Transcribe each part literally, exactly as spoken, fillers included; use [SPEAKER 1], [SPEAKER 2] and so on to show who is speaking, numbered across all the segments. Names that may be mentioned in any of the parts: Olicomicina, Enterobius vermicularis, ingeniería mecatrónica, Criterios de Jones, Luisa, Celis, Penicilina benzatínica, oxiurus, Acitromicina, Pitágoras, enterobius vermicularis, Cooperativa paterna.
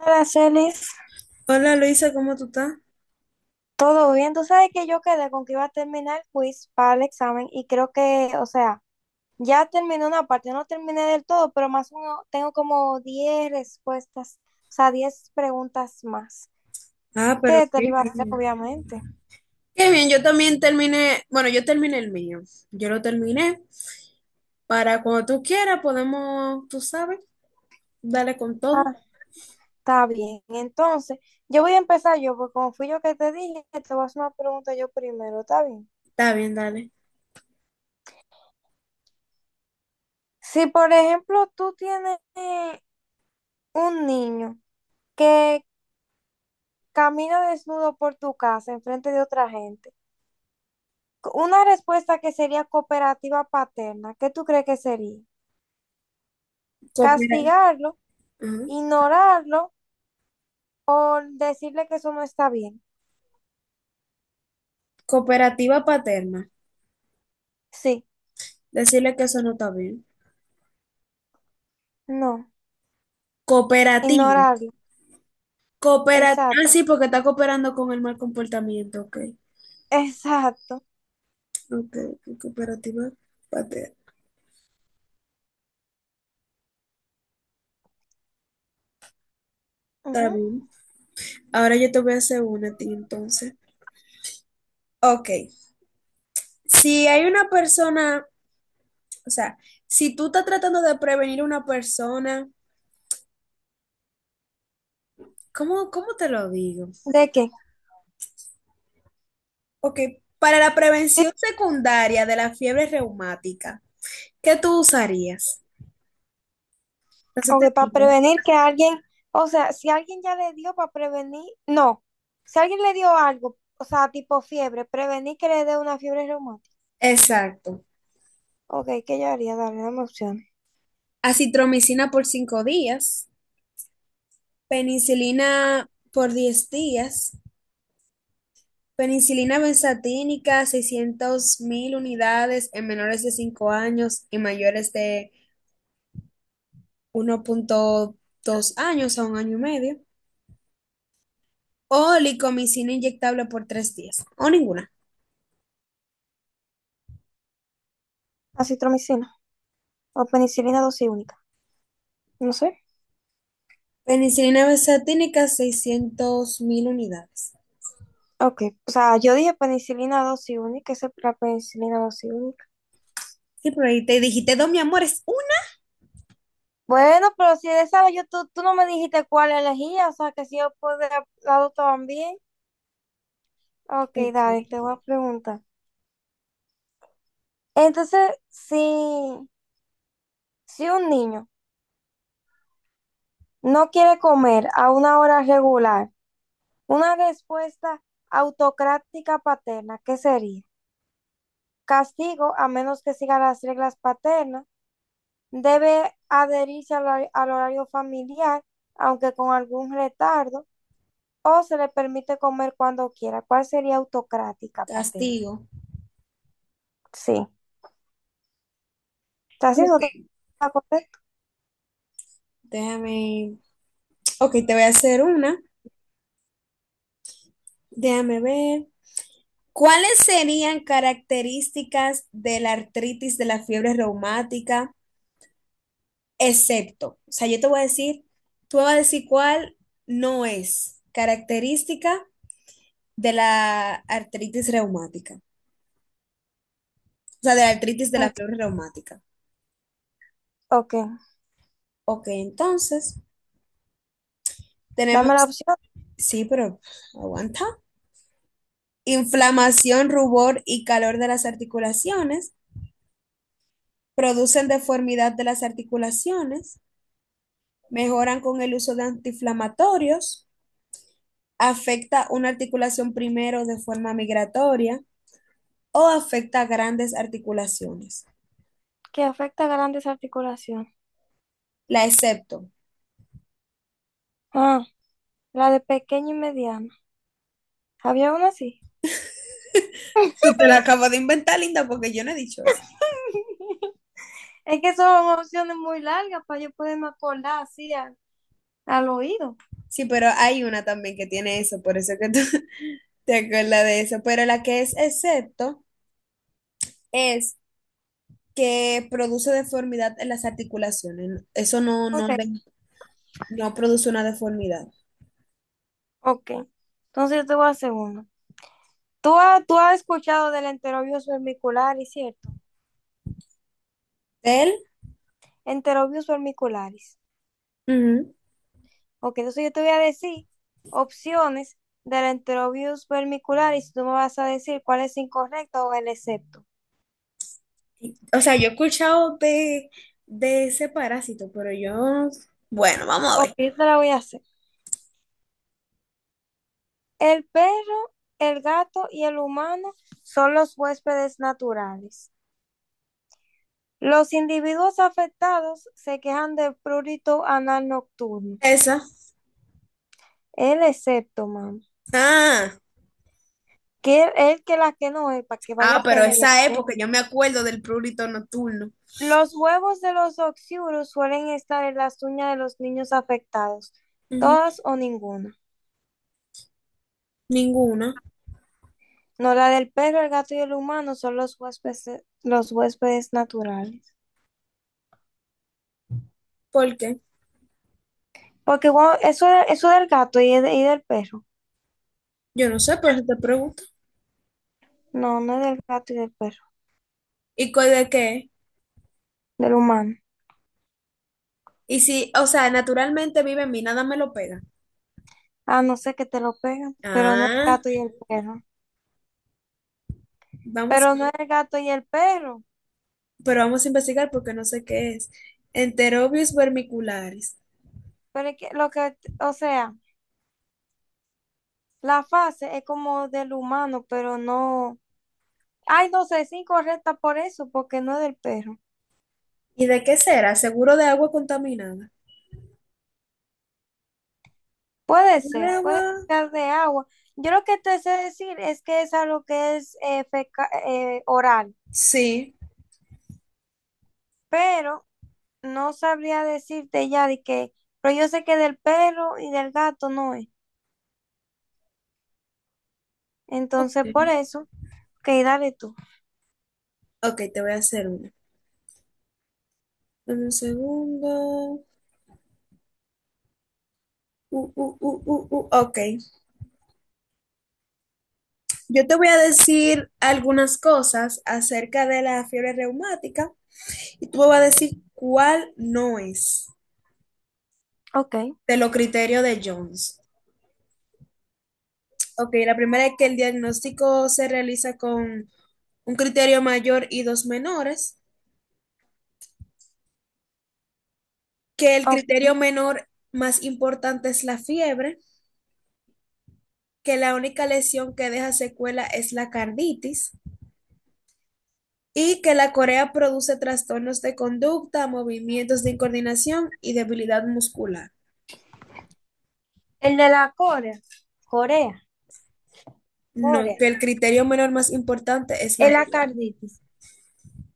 [SPEAKER 1] Hola, Celis.
[SPEAKER 2] Hola Luisa, ¿cómo tú estás?
[SPEAKER 1] ¿Todo bien? Tú sabes que yo quedé con que iba a terminar el quiz para el examen y creo que, o sea, ya terminé una parte, no terminé del todo, pero más uno, tengo como diez respuestas, o sea, diez preguntas más,
[SPEAKER 2] Ah, pero
[SPEAKER 1] que te
[SPEAKER 2] qué
[SPEAKER 1] lo iba a hacer,
[SPEAKER 2] bien.
[SPEAKER 1] obviamente.
[SPEAKER 2] Qué bien, yo también terminé, bueno, yo terminé el mío, yo lo terminé. Para cuando tú quieras podemos, tú sabes, dale con todo.
[SPEAKER 1] Ah, está bien. Entonces, yo voy a empezar yo, porque como fui yo que te dije, te voy a hacer una pregunta yo primero, ¿está bien?
[SPEAKER 2] Está bien, dale.
[SPEAKER 1] Si, por ejemplo, tú tienes eh, un niño, que camina desnudo por tu casa enfrente de otra gente. Una respuesta que sería cooperativa paterna, ¿qué tú crees que sería?
[SPEAKER 2] Coopera-
[SPEAKER 1] ¿Castigarlo,
[SPEAKER 2] ajá.
[SPEAKER 1] ignorarlo o decirle que eso no está bien?
[SPEAKER 2] Cooperativa paterna,
[SPEAKER 1] Sí,
[SPEAKER 2] decirle que eso no está bien.
[SPEAKER 1] no,
[SPEAKER 2] Cooperativa,
[SPEAKER 1] ignorarlo.
[SPEAKER 2] cooperativa, ah,
[SPEAKER 1] Exacto,
[SPEAKER 2] sí, porque está cooperando con el mal comportamiento, ok.
[SPEAKER 1] exacto.
[SPEAKER 2] Ok, ok, cooperativa paterna, está
[SPEAKER 1] Ujú.
[SPEAKER 2] bien. Ahora yo te voy a hacer una a ti entonces. Ok. Si hay una persona, o sea, si tú estás tratando de prevenir a una persona, ¿cómo, cómo te lo digo?
[SPEAKER 1] ¿De qué?
[SPEAKER 2] Ok, para la prevención secundaria de la fiebre reumática, ¿qué tú usarías? Entonces
[SPEAKER 1] O
[SPEAKER 2] te
[SPEAKER 1] que para
[SPEAKER 2] digo.
[SPEAKER 1] prevenir que alguien, o sea, si alguien ya le dio para prevenir, no, si alguien le dio algo, o sea, tipo fiebre, prevenir que le dé una fiebre reumática.
[SPEAKER 2] Exacto.
[SPEAKER 1] Ok, ¿qué yo haría? Darle dame opciones.
[SPEAKER 2] Acitromicina por cinco días, penicilina por diez días, penicilina benzatínica seiscientos mil unidades en menores de cinco años y mayores de uno punto dos años a un año y medio. Olicomicina inyectable por tres días, o ninguna.
[SPEAKER 1] Acitromicina. O penicilina dosis única. No sé.
[SPEAKER 2] Penicilina besatínica, seiscientos mil unidades.
[SPEAKER 1] Ok. O sea, yo dije penicilina dosis única. Esa es la penicilina dosis única.
[SPEAKER 2] Sí, pero ahí te dijiste, dos, mi amor, es una.
[SPEAKER 1] Bueno, pero si de esa yo, tú, tú no me dijiste cuál elegía. O sea, que si yo puedo la también. Ok,
[SPEAKER 2] Ok,
[SPEAKER 1] dale, te voy a preguntar. Entonces, si, si un niño no quiere comer a una hora regular, una respuesta autocrática paterna, ¿qué sería? Castigo a menos que siga las reglas paternas. Debe adherirse al, hora- al horario familiar, aunque con algún retardo, o se le permite comer cuando quiera. ¿Cuál sería autocrática, Patel?
[SPEAKER 2] castigo.
[SPEAKER 1] Sí. ¿Está así? ¿Eso
[SPEAKER 2] Ok,
[SPEAKER 1] está correcto?
[SPEAKER 2] déjame. Ok, te voy a hacer una. Déjame ver. ¿Cuáles serían características de la artritis de la fiebre reumática, excepto? O sea, yo te voy a decir, tú me vas a decir cuál no es característica de la artritis reumática. O sea, de la artritis de la
[SPEAKER 1] Ok.
[SPEAKER 2] fiebre reumática.
[SPEAKER 1] Ok.
[SPEAKER 2] Ok, entonces
[SPEAKER 1] Dame la
[SPEAKER 2] tenemos,
[SPEAKER 1] opción
[SPEAKER 2] sí, pero aguanta. Inflamación, rubor y calor de las articulaciones. Producen deformidad de las articulaciones. Mejoran con el uso de antiinflamatorios. Afecta una articulación primero de forma migratoria o afecta grandes articulaciones.
[SPEAKER 1] que afecta a grandes articulaciones.
[SPEAKER 2] La excepto.
[SPEAKER 1] Ah, la de pequeño y mediano. ¿Había una así?
[SPEAKER 2] Tú te la acabas de inventar, Linda, porque yo no he dicho eso.
[SPEAKER 1] Es que son opciones muy largas para yo poderme acordar así al, al oído.
[SPEAKER 2] Sí, pero hay una también que tiene eso, por eso que tú... ¿Te acuerdas de eso? Pero la que es excepto es que produce deformidad en las articulaciones. Eso no, no,
[SPEAKER 1] Ok,
[SPEAKER 2] de- no produce una deformidad.
[SPEAKER 1] ok. Entonces yo te voy a hacer una. Tú, ha- tú has escuchado del enterobius vermicularis, ¿cierto?
[SPEAKER 2] Él,
[SPEAKER 1] Enterobius vermicularis.
[SPEAKER 2] ujú.
[SPEAKER 1] Ok, entonces yo te voy a decir opciones del enterobius vermicularis y tú me vas a decir cuál es incorrecto o el excepto.
[SPEAKER 2] O sea, yo he escuchado de, de ese parásito, pero yo, bueno, vamos a
[SPEAKER 1] Ok,
[SPEAKER 2] ver.
[SPEAKER 1] yo te la voy a hacer. El perro, el gato y el humano son los huéspedes naturales. Los individuos afectados se quejan de prurito anal nocturno.
[SPEAKER 2] Esa.
[SPEAKER 1] El excepto, mamá.
[SPEAKER 2] Ah,
[SPEAKER 1] Que él él que la que no es, para que vaya
[SPEAKER 2] ah, pero esa es
[SPEAKER 1] pendiente.
[SPEAKER 2] porque yo me acuerdo del prurito nocturno.
[SPEAKER 1] Los huevos de los oxiurus suelen estar en las uñas de los niños afectados,
[SPEAKER 2] Ujú.
[SPEAKER 1] todas o ninguna.
[SPEAKER 2] Ninguna.
[SPEAKER 1] No, la del perro, el gato y el humano son los huéspedes, los huéspedes naturales.
[SPEAKER 2] ¿Por qué?
[SPEAKER 1] Porque bueno, eso, eso del gato y, de- y del perro.
[SPEAKER 2] Yo no sé, por eso te pregunto.
[SPEAKER 1] No, no es del gato y del perro,
[SPEAKER 2] ¿Y cuál de qué?
[SPEAKER 1] del humano.
[SPEAKER 2] Y si, o sea, naturalmente vive en mí, nada me lo pega.
[SPEAKER 1] Ah, no sé que te lo pegan, pero no es el
[SPEAKER 2] Ah,
[SPEAKER 1] gato y el perro.
[SPEAKER 2] vamos,
[SPEAKER 1] Pero no es el gato y el perro.
[SPEAKER 2] pero vamos a investigar porque no sé qué es. Enterobius vermicularis.
[SPEAKER 1] Pero es que lo que, o sea, la fase es como del humano, pero no. Ay, no sé, es incorrecta por eso, porque no es del perro.
[SPEAKER 2] ¿Y de qué será? Seguro de agua contaminada.
[SPEAKER 1] Puede
[SPEAKER 2] ¿De
[SPEAKER 1] ser, puede
[SPEAKER 2] agua?
[SPEAKER 1] ser de agua. Yo lo que te sé decir es que es algo que es eh, feca- eh, oral,
[SPEAKER 2] Sí.
[SPEAKER 1] pero no sabría decirte ya de que, pero yo sé que del perro y del gato no es.
[SPEAKER 2] Ok.
[SPEAKER 1] Entonces, por eso, que dale tú.
[SPEAKER 2] Ok, te voy a hacer una. En un segundo. Uh, uh, uh, uh, uh, Ok. Yo te voy a decir algunas cosas acerca de la fiebre reumática y tú me vas a decir cuál no es
[SPEAKER 1] Ok,
[SPEAKER 2] de los criterios de Jones. Ok, la primera es que el diagnóstico se realiza con un criterio mayor y dos menores, que el
[SPEAKER 1] ok.
[SPEAKER 2] criterio menor más importante es la fiebre, que la única lesión que deja secuela es la carditis y que la corea produce trastornos de conducta, movimientos de incoordinación y debilidad muscular.
[SPEAKER 1] El de la Corea, Corea,
[SPEAKER 2] No, que el
[SPEAKER 1] Corea,
[SPEAKER 2] criterio menor más importante es la
[SPEAKER 1] el
[SPEAKER 2] fiebre.
[SPEAKER 1] acarditis.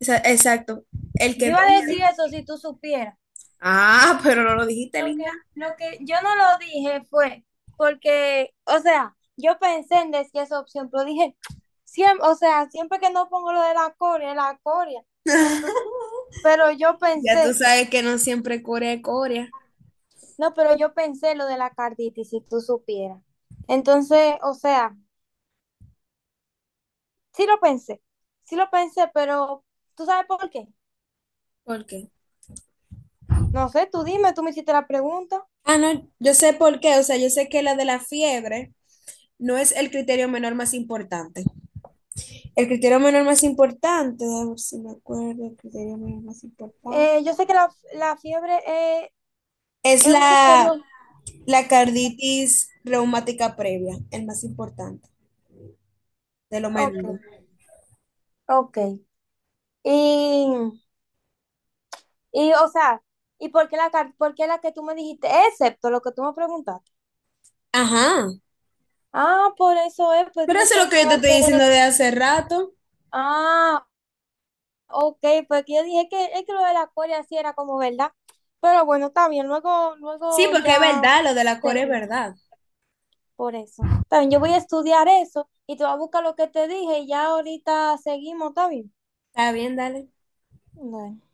[SPEAKER 2] Esa- Exacto, el que
[SPEAKER 1] Yo
[SPEAKER 2] no...
[SPEAKER 1] iba a decir
[SPEAKER 2] une.
[SPEAKER 1] eso si tú supieras.
[SPEAKER 2] Ah, pero no lo dijiste,
[SPEAKER 1] Lo que,
[SPEAKER 2] linda.
[SPEAKER 1] lo que yo no lo dije fue porque, o sea, yo pensé en decir esa opción, pero dije, siempre, o sea, siempre que no pongo lo de la coria, la coria. Entonces, pero yo
[SPEAKER 2] Ya tú
[SPEAKER 1] pensé,
[SPEAKER 2] sabes que no siempre corea es corea.
[SPEAKER 1] no, pero yo pensé lo de la carditis, si tú supieras. Entonces, o sea, sí lo pensé, sí lo pensé, pero ¿tú sabes por qué?
[SPEAKER 2] ¿Por qué?
[SPEAKER 1] No sé, tú dime, tú me hiciste la pregunta.
[SPEAKER 2] Ah, no, yo sé por qué, o sea, yo sé que la de la fiebre no es el criterio menor más importante. El criterio menor más importante, a ver si me acuerdo, el criterio menor más importante,
[SPEAKER 1] Eh, yo sé que la, la fiebre es,
[SPEAKER 2] es
[SPEAKER 1] es un
[SPEAKER 2] la,
[SPEAKER 1] criterio.
[SPEAKER 2] la carditis reumática previa, el más importante, de lo
[SPEAKER 1] Ok,
[SPEAKER 2] menos.
[SPEAKER 1] ok. Y Y, o sea, ¿y por qué la, car- por qué la que tú me dijiste, excepto lo que tú me preguntaste?
[SPEAKER 2] Ajá,
[SPEAKER 1] Ah, por eso es, porque
[SPEAKER 2] pero
[SPEAKER 1] yo
[SPEAKER 2] eso es lo que yo te
[SPEAKER 1] pensaba
[SPEAKER 2] estoy
[SPEAKER 1] que,
[SPEAKER 2] diciendo de hace rato.
[SPEAKER 1] ah, ok, porque yo dije que es que lo de la Corea sí era como verdad. Pero bueno, está bien, luego,
[SPEAKER 2] Sí,
[SPEAKER 1] luego
[SPEAKER 2] porque es
[SPEAKER 1] ya
[SPEAKER 2] verdad, lo de la core es
[SPEAKER 1] seguimos
[SPEAKER 2] verdad.
[SPEAKER 1] por eso. Está bien, yo voy a estudiar eso y te voy a buscar lo que te dije y ya ahorita seguimos, ¿está bien?
[SPEAKER 2] Está bien, dale.
[SPEAKER 1] Bueno.